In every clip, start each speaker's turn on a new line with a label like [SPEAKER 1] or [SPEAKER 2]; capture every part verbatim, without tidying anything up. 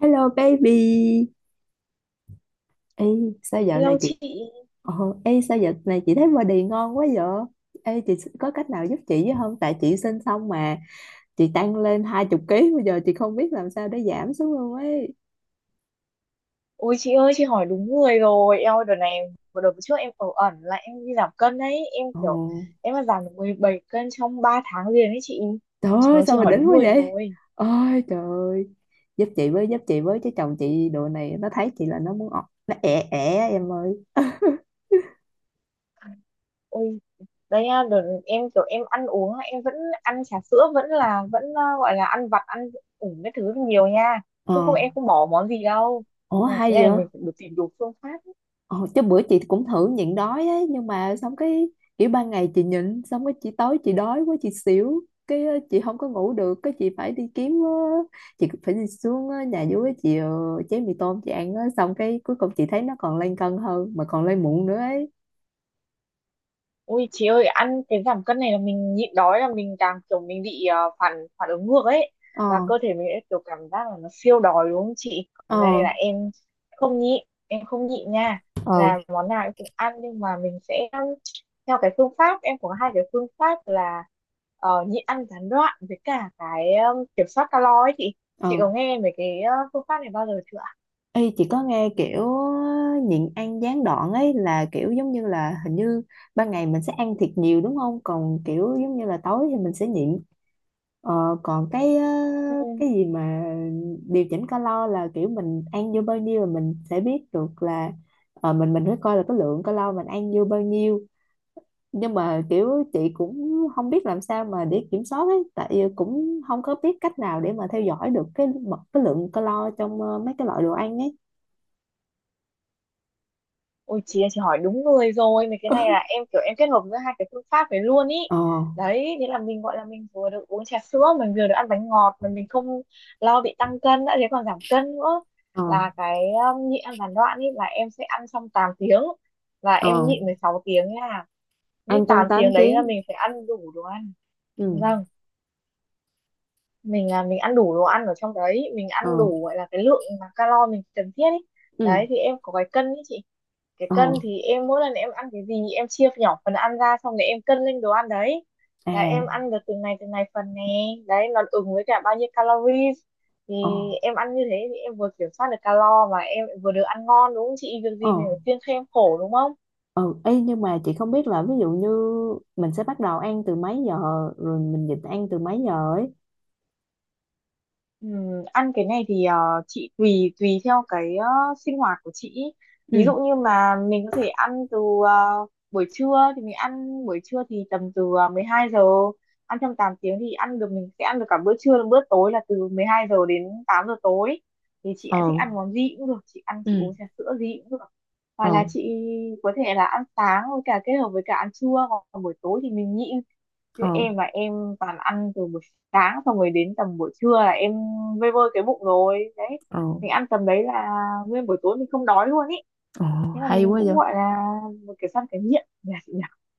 [SPEAKER 1] Hello baby. Ê, sao dạo
[SPEAKER 2] Lâu
[SPEAKER 1] này chị
[SPEAKER 2] chị.
[SPEAKER 1] Ồ, ê, sao dạo này chị thấy body ngon quá vậy? Ê, chị có cách nào giúp chị với không? Tại chị sinh xong mà chị tăng lên hai chục ký bây giờ chị không biết làm sao để giảm xuống luôn ấy.
[SPEAKER 2] Ôi chị ơi, chị hỏi đúng người rồi. Em ơi, đợt này vừa Đợt trước em ở ẩn là em đi giảm cân đấy. Em
[SPEAKER 1] Ồ,
[SPEAKER 2] kiểu em mà giảm được mười bảy cân trong ba tháng liền đấy chị.
[SPEAKER 1] trời
[SPEAKER 2] Trời
[SPEAKER 1] ơi,
[SPEAKER 2] ơi,
[SPEAKER 1] sao
[SPEAKER 2] chị
[SPEAKER 1] mà
[SPEAKER 2] hỏi
[SPEAKER 1] đỉnh
[SPEAKER 2] đúng
[SPEAKER 1] quá
[SPEAKER 2] người
[SPEAKER 1] vậy?
[SPEAKER 2] rồi.
[SPEAKER 1] Ôi trời ơi. Giúp chị với, giúp chị với chứ chồng chị đồ này nó thấy chị là nó muốn ọ- nó ẻ ẻ em ơi.
[SPEAKER 2] Ôi đấy nha, đợt em kiểu em ăn uống là em vẫn ăn trà sữa, vẫn là vẫn ờ, gọi là ăn vặt, ăn ủng cái thứ nhiều nha.
[SPEAKER 1] Ờ,
[SPEAKER 2] Chứ không em không bỏ món gì đâu.
[SPEAKER 1] ủa
[SPEAKER 2] Này, cái
[SPEAKER 1] hay
[SPEAKER 2] này là
[SPEAKER 1] vậy?
[SPEAKER 2] mình phải được tìm đủ phương pháp.
[SPEAKER 1] Ờ, chứ bữa chị cũng thử nhịn đói ấy, nhưng mà xong cái kiểu ban ngày chị nhịn xong cái chị tối chị đói quá chị xỉu cái ờ, chị không có ngủ được cái chị phải đi kiếm ờ, chị phải đi xuống ờ, nhà dưới chị ờ, chế mì tôm chị ăn á. Xong cái cuối cùng chị thấy nó còn lên cân hơn mà còn lên muộn nữa ấy.
[SPEAKER 2] Ui chị ơi, ăn cái giảm cân này là mình nhịn đói là mình càng kiểu mình bị ờ, phản phản ứng ngược ấy, là
[SPEAKER 1] Ờ.
[SPEAKER 2] cơ thể mình sẽ kiểu cảm giác là nó siêu đói đúng không chị. Còn đây
[SPEAKER 1] Ờ.
[SPEAKER 2] là em không nhịn, em không nhịn nha,
[SPEAKER 1] Ừ.
[SPEAKER 2] là món nào em cũng ăn, nhưng mà mình sẽ theo cái phương pháp. Em có hai cái phương pháp là ờ, nhịn ăn gián đoạn với cả cái ờ, kiểm soát calo ấy chị. Chị
[SPEAKER 1] Ờ.
[SPEAKER 2] có nghe về cái ờ, phương pháp này bao giờ chưa
[SPEAKER 1] Ê, chị có nghe kiểu ờ, nhịn ăn gián đoạn ấy là kiểu giống như là hình như ban ngày mình sẽ ăn thiệt nhiều, đúng không? Còn kiểu giống như là tối thì mình sẽ nhịn. Ờ, còn cái ờ, cái
[SPEAKER 2] ạ?
[SPEAKER 1] gì mà điều chỉnh calo là kiểu mình ăn vô bao nhiêu là mình sẽ biết được là ờ, mình mình phải coi là cái lượng calo mình ăn vô bao nhiêu. Nhưng mà kiểu chị cũng không biết làm sao mà để kiểm soát ấy, tại vì cũng không có biết cách nào để mà theo dõi được cái mật cái lượng calo trong ờ, mấy cái loại đồ ăn ấy.
[SPEAKER 2] Ôi chị ơi, chị hỏi đúng người rồi. Mấy cái này là em kiểu em kết hợp giữa hai cái phương pháp này luôn ý.
[SPEAKER 1] Ờ.
[SPEAKER 2] Đấy, thế là mình gọi là mình vừa được uống trà sữa, mình vừa được ăn bánh ngọt, mà mình không lo bị tăng cân đã, thế còn giảm cân nữa.
[SPEAKER 1] Ờ.
[SPEAKER 2] Là cái um, nhịn ăn gián đoạn ý, là em sẽ ăn trong tám tiếng và em
[SPEAKER 1] Ờ.
[SPEAKER 2] nhịn mười sáu tiếng nha.
[SPEAKER 1] Ăn
[SPEAKER 2] Những
[SPEAKER 1] trong
[SPEAKER 2] tám
[SPEAKER 1] tám
[SPEAKER 2] tiếng đấy
[SPEAKER 1] tiếng
[SPEAKER 2] là mình phải ăn đủ đồ ăn.
[SPEAKER 1] Ừ.
[SPEAKER 2] Vâng, mình là mình ăn đủ đồ ăn ở trong đấy, mình
[SPEAKER 1] Ờ.
[SPEAKER 2] ăn đủ gọi là cái lượng mà calo mình cần thiết ý.
[SPEAKER 1] Ừ.
[SPEAKER 2] Đấy, thì em có cái cân ý chị, cái
[SPEAKER 1] Ờ.
[SPEAKER 2] cân thì em mỗi lần em ăn cái gì em chia nhỏ phần ăn ra xong rồi em cân lên đồ ăn đấy, là em
[SPEAKER 1] À.
[SPEAKER 2] ăn được từng này từng này phần nè, đấy nó ứng với cả bao nhiêu calories. Thì
[SPEAKER 1] Ờ.
[SPEAKER 2] em ăn như thế thì em vừa kiểm soát được calo mà em vừa được ăn ngon, đúng không chị, việc
[SPEAKER 1] Ờ.
[SPEAKER 2] gì mình phải kiêng khem khổ đúng không.
[SPEAKER 1] Ừ, ý, nhưng mà chị không biết là ví dụ như mình sẽ bắt đầu ăn từ mấy giờ rồi mình nhịn ăn từ mấy giờ ấy.
[SPEAKER 2] Ừm, ăn cái này thì ờ, chị tùy tùy theo cái ờ, sinh hoạt của chị ý.
[SPEAKER 1] Ừ.
[SPEAKER 2] Ví dụ như mà mình có thể ăn từ ờ, buổi trưa thì mình ăn buổi trưa thì tầm từ ờ, mười hai giờ, ăn trong tám tiếng thì ăn được, mình sẽ ăn được cả bữa trưa lẫn bữa tối là từ mười hai giờ đến tám giờ tối, thì chị thích
[SPEAKER 1] Ờ.
[SPEAKER 2] ăn món gì cũng được, chị ăn chị uống
[SPEAKER 1] Ừ.
[SPEAKER 2] trà sữa gì cũng được. Hoặc
[SPEAKER 1] Ờ.
[SPEAKER 2] là chị có thể là ăn sáng với cả kết hợp với cả ăn trưa, còn buổi tối thì mình nhịn. Chứ
[SPEAKER 1] Ờ.
[SPEAKER 2] em là em toàn ăn từ buổi sáng xong rồi đến tầm buổi trưa là em vơi vơi cái bụng rồi đấy,
[SPEAKER 1] Ờ.
[SPEAKER 2] mình ăn tầm đấy là nguyên buổi tối mình không đói luôn ý,
[SPEAKER 1] Ờ.
[SPEAKER 2] thế là
[SPEAKER 1] Hay
[SPEAKER 2] mình
[SPEAKER 1] quá vậy.
[SPEAKER 2] cũng gọi là một cái săn cái nghiện nhỉ.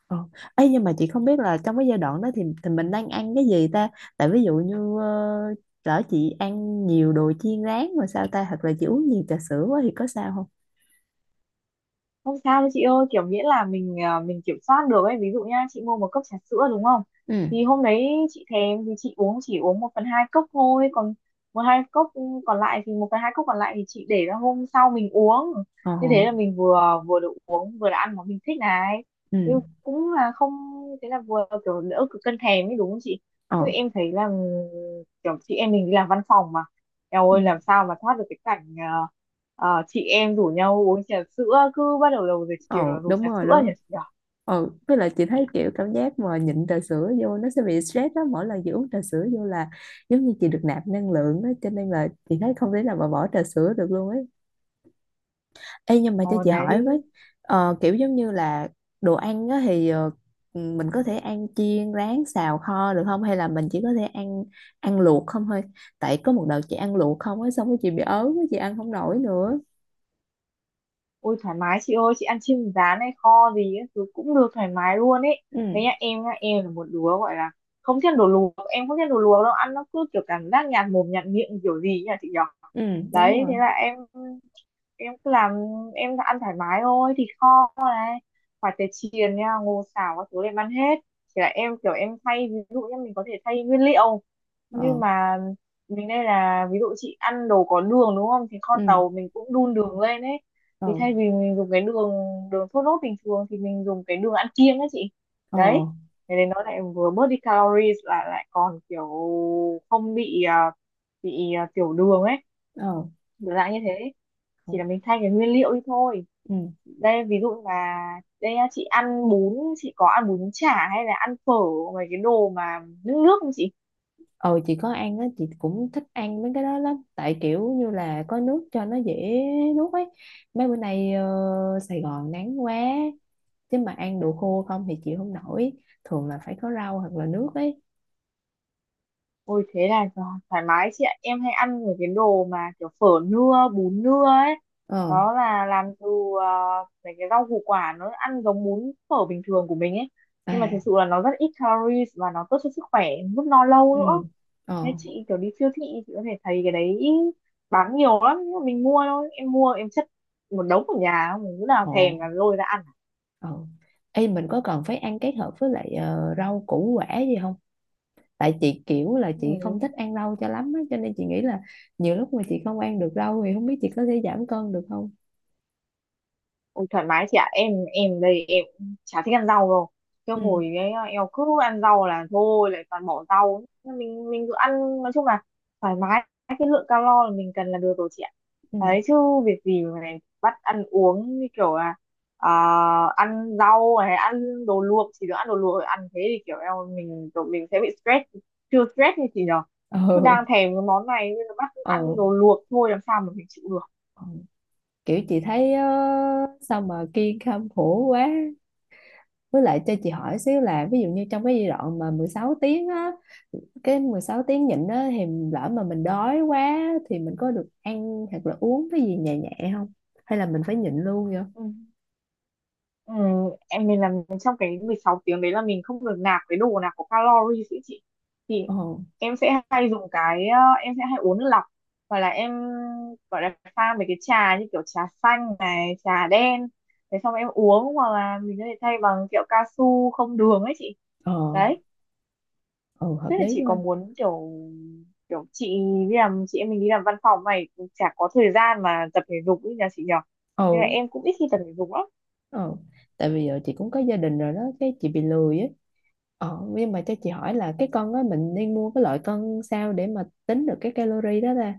[SPEAKER 1] Ờ. Ấy nhưng mà chị không biết là trong cái giai đoạn đó thì thì mình đang ăn cái gì ta? Tại ví dụ như uh, lỡ chị ăn nhiều đồ chiên rán rồi sao ta, hoặc là chị uống nhiều trà sữa quá thì có sao không?
[SPEAKER 2] Không sao đâu chị ơi, kiểu miễn là mình à, mình kiểm soát được ấy. Ví dụ nha, chị mua một cốc trà sữa đúng không?
[SPEAKER 1] Ừ.
[SPEAKER 2] Thì hôm đấy chị thèm thì chị uống, chỉ uống một phần hai cốc thôi, còn một hai cốc còn lại thì một phần hai cốc còn lại thì chị để ra hôm sau mình uống.
[SPEAKER 1] Ờ.
[SPEAKER 2] Như thế là mình vừa vừa được uống vừa được ăn món mình thích này.
[SPEAKER 1] Ừ.
[SPEAKER 2] Thế cũng là không thế là vừa kiểu đỡ cực cân thèm ấy đúng không chị? Chứ
[SPEAKER 1] Ờ.
[SPEAKER 2] em thấy là kiểu chị em mình đi làm văn phòng mà, eo
[SPEAKER 1] Ừ.
[SPEAKER 2] ơi làm sao mà thoát được cái cảnh ờ, ờ, chị em rủ nhau uống trà sữa, cứ bắt đầu đầu giờ chiều là
[SPEAKER 1] Ồ,
[SPEAKER 2] rủ
[SPEAKER 1] đúng
[SPEAKER 2] trà
[SPEAKER 1] rồi
[SPEAKER 2] sữa nhỉ
[SPEAKER 1] đó.
[SPEAKER 2] chị nhỉ?
[SPEAKER 1] Ồ, với lại chị thấy kiểu cảm giác mà nhịn trà sữa vô nó sẽ bị stress đó, mỗi lần chị uống trà sữa vô là giống như chị được nạp năng lượng đó, cho nên là chị thấy không thể nào mà bỏ trà sữa được luôn ấy. Ê, nhưng mà cho
[SPEAKER 2] Ồ
[SPEAKER 1] chị hỏi với,
[SPEAKER 2] đấy.
[SPEAKER 1] ờ, kiểu giống như là đồ ăn á thì ờ, mình có thể ăn chiên rán xào kho được không, hay là mình chỉ có thể ăn ăn luộc không thôi? Tại có một đợt chị ăn luộc không á, xong rồi chị bị ớn á, chị ăn không nổi nữa.
[SPEAKER 2] Ôi thoải mái chị ơi, chị ăn chim rán hay kho gì ấy, thứ cũng được, thoải mái luôn ấy.
[SPEAKER 1] Ừ.
[SPEAKER 2] Đấy nhá, em nhá, em là một đứa gọi là không thích đồ luộc, em không thích đồ luộc đâu, ăn nó cứ kiểu cảm giác nhạt mồm nhạt miệng kiểu gì ấy nhỉ chị nhỉ.
[SPEAKER 1] Ừ. Đúng
[SPEAKER 2] Đấy,
[SPEAKER 1] rồi.
[SPEAKER 2] thế là em em cứ làm, em ăn thoải mái thôi, thịt kho này, khoai tây chiên nha, ngô xào các thứ em ăn hết. Chỉ là em kiểu em thay, ví dụ như mình có thể thay nguyên liệu, nhưng
[SPEAKER 1] Ờ.
[SPEAKER 2] mà mình, đây là ví dụ chị ăn đồ có đường đúng không, thì kho
[SPEAKER 1] Ừ.
[SPEAKER 2] tàu mình cũng đun đường lên ấy,
[SPEAKER 1] Ờ.
[SPEAKER 2] thì thay vì mình dùng cái đường đường thốt nốt bình thường thì mình dùng cái đường ăn kiêng ấy chị.
[SPEAKER 1] Ờ.
[SPEAKER 2] Đấy, thế nên nó lại vừa bớt đi calories, lại lại còn kiểu không bị à, bị à, tiểu đường ấy,
[SPEAKER 1] Ờ.
[SPEAKER 2] kiểu dạng như thế.
[SPEAKER 1] Ừ.
[SPEAKER 2] Chỉ là mình thay cái nguyên liệu đi thôi.
[SPEAKER 1] Ừ.
[SPEAKER 2] Đây ví dụ là, đây á, chị ăn bún, chị có ăn bún chả hay là ăn phở, mấy cái đồ mà nước nước không chị?
[SPEAKER 1] Ờ, chị có ăn á, chị cũng thích ăn mấy cái đó lắm tại kiểu như là có nước cho nó dễ nuốt ấy. Mấy bữa nay ờ, Sài Gòn nắng quá, chứ mà ăn đồ khô không thì chịu không nổi, thường là phải có rau hoặc là nước ấy.
[SPEAKER 2] Ôi thế là tho- thoải mái chị ạ. Em hay ăn những cái đồ mà kiểu phở nưa, bún nưa ấy.
[SPEAKER 1] Ờ.
[SPEAKER 2] Đó là làm từ uh, mấy cái rau củ quả, nó ăn giống bún phở bình thường của mình ấy. Nhưng mà thực
[SPEAKER 1] À.
[SPEAKER 2] sự là nó rất ít calories và nó tốt cho sức khỏe, giúp no lâu
[SPEAKER 1] Ừ.
[SPEAKER 2] nữa.
[SPEAKER 1] Ờ.
[SPEAKER 2] Nên chị kiểu đi siêu thị chị có thể thấy cái đấy bán nhiều lắm. Nhưng mà mình mua thôi. Em mua em chất một đống ở nhà, không lúc nào
[SPEAKER 1] Ồ.
[SPEAKER 2] thèm là lôi ra ăn.
[SPEAKER 1] Ờ. Ê, mình có cần phải ăn kết hợp với lại ờ, rau củ quả gì không? Tại chị kiểu là chị
[SPEAKER 2] Ừ.
[SPEAKER 1] không thích ăn rau cho lắm á, cho nên chị nghĩ là nhiều lúc mà chị không ăn được rau thì không biết chị có thể giảm cân được không.
[SPEAKER 2] Ôi, thoải mái chị ạ, em em đây em chả thích ăn rau đâu, cái
[SPEAKER 1] Ừ.
[SPEAKER 2] hồi ấy em cứ ăn rau là thôi lại toàn bỏ rau. Mình mình cứ ăn, nói chung là thoải mái cái lượng calo là mình cần là được rồi chị ạ.
[SPEAKER 1] Ừ.
[SPEAKER 2] Đấy chứ việc gì mà lại bắt ăn uống như kiểu là ờ, ăn rau hay ăn đồ luộc, chỉ được ăn đồ luộc, ăn thế thì kiểu em mình kiểu mình sẽ bị stress. Chưa stress như chị nhở, cứ
[SPEAKER 1] Ừ.
[SPEAKER 2] đang thèm cái món này nên là bắt ăn
[SPEAKER 1] Ừ.
[SPEAKER 2] đồ luộc thôi làm sao mà mình chịu được.
[SPEAKER 1] Ừ. Kiểu chị thấy ờ, sao mà kiên khem khổ quá. Với lại cho chị hỏi xíu là ví dụ như trong cái giai đoạn mà mười sáu tiếng á, cái mười sáu tiếng nhịn á thì lỡ mà mình đói quá thì mình có được ăn hoặc là uống cái gì nhẹ nhẹ không, hay là mình phải nhịn luôn vậy?
[SPEAKER 2] Ừ. Ừ, em mình làm trong cái mười sáu tiếng đấy là mình không được nạp cái đồ nào có calories ý chị, thì
[SPEAKER 1] Ờ.
[SPEAKER 2] em sẽ hay dùng cái ờ, em sẽ hay uống nước lọc, hoặc là em gọi là pha mấy cái trà như kiểu trà xanh này trà đen, thế xong em uống, hoặc là mình có thể thay bằng kẹo cao su không đường ấy chị.
[SPEAKER 1] Ờ.
[SPEAKER 2] Đấy,
[SPEAKER 1] Ờ. Hợp
[SPEAKER 2] tức là
[SPEAKER 1] lý
[SPEAKER 2] chị có
[SPEAKER 1] quá.
[SPEAKER 2] muốn kiểu, kiểu chị đi làm, chị em mình đi làm văn phòng này cũng chả có thời gian mà tập thể dục ý nhà chị nhỉ, nên là
[SPEAKER 1] Ừ.
[SPEAKER 2] em cũng ít khi tập thể dục lắm.
[SPEAKER 1] Ờ, tại vì giờ chị cũng có gia đình rồi đó cái chị bị lười ấy. Ờ, nhưng mà cho chị hỏi là cái con á, mình nên mua cái loại cân sao để mà tính được cái calorie đó ta?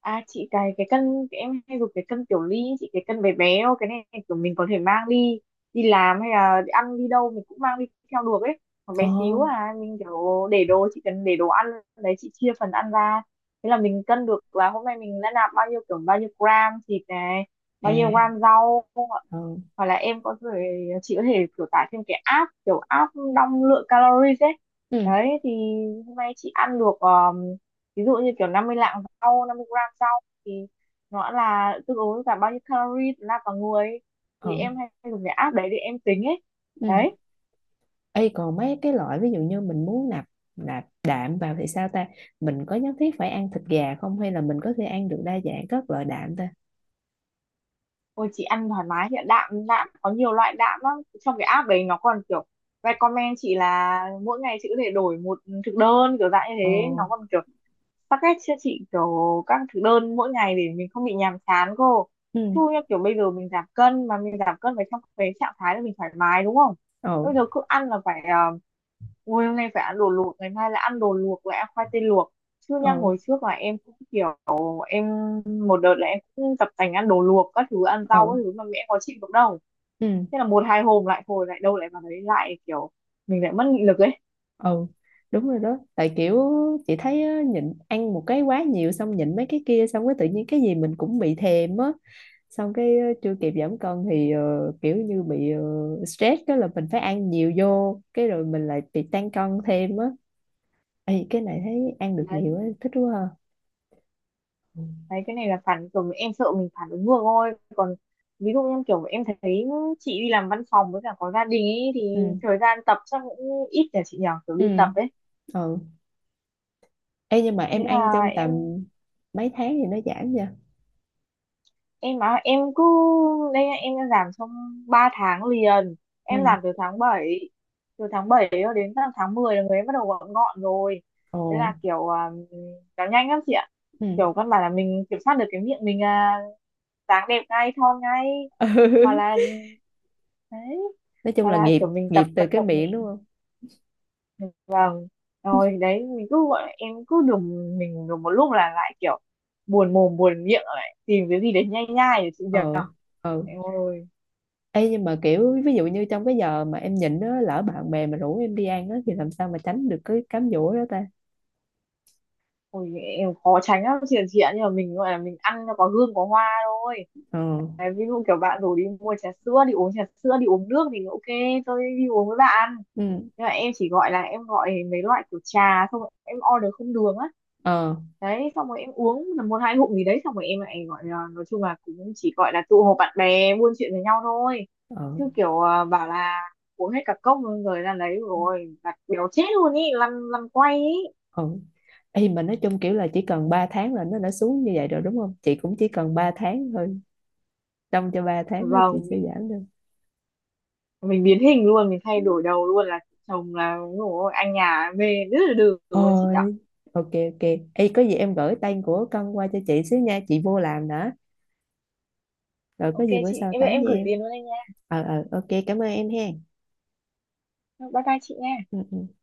[SPEAKER 2] À chị, cái cái cân, cái em hay dùng cái cân kiểu ly ấy chị, cái cân bé bé thôi, cái này kiểu mình có thể mang đi, đi làm hay là đi ăn đi đâu mình cũng mang đi theo được ấy, còn
[SPEAKER 1] Ờ.
[SPEAKER 2] bé xíu à. Mình kiểu để đồ, chị cần để đồ ăn đấy chị, chia phần ăn ra, thế là mình cân được là hôm nay mình đã nạp bao nhiêu, kiểu bao nhiêu gram thịt này, bao nhiêu
[SPEAKER 1] À.
[SPEAKER 2] gram rau không ạ?
[SPEAKER 1] Ờ.
[SPEAKER 2] Hoặc là em có thể, chị có thể kiểu tải thêm cái app, kiểu app đong lượng calories ấy.
[SPEAKER 1] Ừ.
[SPEAKER 2] Đấy thì hôm nay chị ăn được ờ, ví dụ như kiểu năm mươi lạng rau, năm mươi gram rau thì nó là tương ứng với cả bao nhiêu calorie ra cả người,
[SPEAKER 1] Ờ.
[SPEAKER 2] thì em hay dùng cái app đấy để em tính ấy.
[SPEAKER 1] Ừ.
[SPEAKER 2] Đấy.
[SPEAKER 1] Ê, còn mấy cái loại ví dụ như mình muốn nạp nạp đạm vào thì sao ta? Mình có nhất thiết phải ăn thịt gà không, hay là mình có thể ăn được đa dạng các loại đạm ta?
[SPEAKER 2] Ôi chị ăn thoải mái hiện ạ. Đạm đạm có nhiều loại đạm lắm, trong cái app đấy nó còn kiểu recommend chị là mỗi ngày chị có thể đổi một thực đơn, kiểu dạng như
[SPEAKER 1] Ờ.
[SPEAKER 2] thế, nó còn kiểu tắc ghét chưa chị, kiểu các thực đơn mỗi ngày để mình không bị nhàm chán cô.
[SPEAKER 1] Ừ.
[SPEAKER 2] Chứ như kiểu bây giờ mình giảm cân mà mình giảm cân phải trong cái trạng thái là mình thoải mái đúng không?
[SPEAKER 1] Ờ.
[SPEAKER 2] Bây giờ cứ ăn là phải uh, ui hôm nay phải ăn đồ luộc, ngày mai lại ăn đồ luộc, lại ăn khoai tây luộc. Chứ nha
[SPEAKER 1] Ờ.
[SPEAKER 2] hồi trước là em cũng kiểu em một đợt là em cũng tập tành ăn đồ luộc các thứ, ăn rau
[SPEAKER 1] Ờ.
[SPEAKER 2] các thứ mà mẹ có chịu được đâu.
[SPEAKER 1] Ừ.
[SPEAKER 2] Thế là một hai hôm lại hồi lại đâu lại vào đấy, lại kiểu mình lại mất nghị lực ấy.
[SPEAKER 1] Ừ, đúng rồi đó tại kiểu chị thấy á, nhịn ăn một cái quá nhiều xong nhịn mấy cái kia xong cái tự nhiên cái gì mình cũng bị thèm á, xong cái ờ, chưa kịp giảm cân thì ờ, kiểu như bị ờ, stress cái là mình phải ăn nhiều vô cái rồi mình lại bị tăng cân thêm á. Ê, cái này thấy ăn được nhiều á,
[SPEAKER 2] Đấy.
[SPEAKER 1] thích quá ha. Ừ.
[SPEAKER 2] Đấy cái này là phản, kiểu em sợ mình phản ứng ngược thôi, còn ví dụ như kiểu em thấy chị đi làm văn phòng với cả có gia đình ấy
[SPEAKER 1] Ừ.
[SPEAKER 2] thì thời gian tập chắc cũng ít nhỉ chị nhỉ, kiểu đi tập ấy.
[SPEAKER 1] Ừ. Ê, nhưng mà
[SPEAKER 2] Thế
[SPEAKER 1] em ăn
[SPEAKER 2] là
[SPEAKER 1] trong tầm
[SPEAKER 2] em
[SPEAKER 1] mấy tháng thì nó giảm nha?
[SPEAKER 2] em á em cứ, đây nhá, em đã làm trong ba tháng liền, em
[SPEAKER 1] Ừ.
[SPEAKER 2] làm từ tháng bảy, từ tháng bảy cho đến tận tháng mười là người em bắt đầu gọn gọn rồi.
[SPEAKER 1] Ồ.
[SPEAKER 2] Thế là kiểu à, nó nhanh lắm chị ạ,
[SPEAKER 1] Ừ.
[SPEAKER 2] kiểu căn bản là mình kiểm soát được cái miệng mình, à, dáng đẹp ngay, thon ngay. Hoặc là, đấy,
[SPEAKER 1] Nói chung
[SPEAKER 2] hoặc
[SPEAKER 1] là
[SPEAKER 2] là
[SPEAKER 1] nghiệp.
[SPEAKER 2] kiểu mình
[SPEAKER 1] Nghiệp
[SPEAKER 2] tập
[SPEAKER 1] từ
[SPEAKER 2] vận
[SPEAKER 1] cái
[SPEAKER 2] động.
[SPEAKER 1] miệng, đúng không?
[SPEAKER 2] Vâng, rồi đấy mình cứ gọi, em cứ đùng mình đùng một lúc là lại kiểu buồn mồm buồn miệng lại tìm cái gì để nhai nhai để chị nhờ.
[SPEAKER 1] Ờ. Ờ.
[SPEAKER 2] Ôi,
[SPEAKER 1] Ê, nhưng mà kiểu ví dụ như trong cái giờ mà em nhịn á, lỡ bạn bè mà rủ em đi ăn á thì làm sao mà tránh được cái cám dỗ đó ta?
[SPEAKER 2] ôi, em khó tránh lắm chị chị ạ, nhưng mà mình gọi là mình ăn nó có hương có hoa thôi.
[SPEAKER 1] Ờ.
[SPEAKER 2] Đấy, ví dụ kiểu bạn rủ đi mua trà sữa, đi uống trà sữa đi uống nước thì ok, tôi đi uống với bạn,
[SPEAKER 1] Ừ.
[SPEAKER 2] nhưng mà em chỉ gọi là em gọi mấy loại kiểu trà xong rồi em order không đường á.
[SPEAKER 1] Ờ.
[SPEAKER 2] Đấy xong rồi em uống tầm một hai ngụm gì đấy, xong rồi em lại gọi là, nói chung là cũng chỉ gọi là tụ họp bạn bè buôn chuyện với nhau thôi,
[SPEAKER 1] Ờ.
[SPEAKER 2] chứ kiểu à, bảo là uống hết cả cốc luôn rồi ra lấy rồi đặt béo chết luôn ý, lăn lăn quay ý.
[SPEAKER 1] Ờ. Ê, mà nói chung kiểu là chỉ cần ba tháng là nó đã xuống như vậy rồi đúng không chị, cũng chỉ cần ba tháng thôi, trong cho ba tháng đó chị
[SPEAKER 2] Vâng,
[SPEAKER 1] sẽ giảm được?
[SPEAKER 2] mình biến hình luôn, mình thay đổi đầu luôn là chồng là ngủ anh nhà về rất là được luôn chị nhở.
[SPEAKER 1] Ôi. Ok. Ok. Ê, có gì em gửi tên của cân qua cho chị xíu nha, chị vô làm nữa, rồi có
[SPEAKER 2] Ok
[SPEAKER 1] gì bữa
[SPEAKER 2] chị,
[SPEAKER 1] sau
[SPEAKER 2] em
[SPEAKER 1] tám
[SPEAKER 2] em
[SPEAKER 1] với
[SPEAKER 2] gửi
[SPEAKER 1] em.
[SPEAKER 2] liền luôn anh nha.
[SPEAKER 1] Ờ. Ờ. Ok, cảm ơn em hen.
[SPEAKER 2] Bye bye chị nha.
[SPEAKER 1] Ừ, ừ.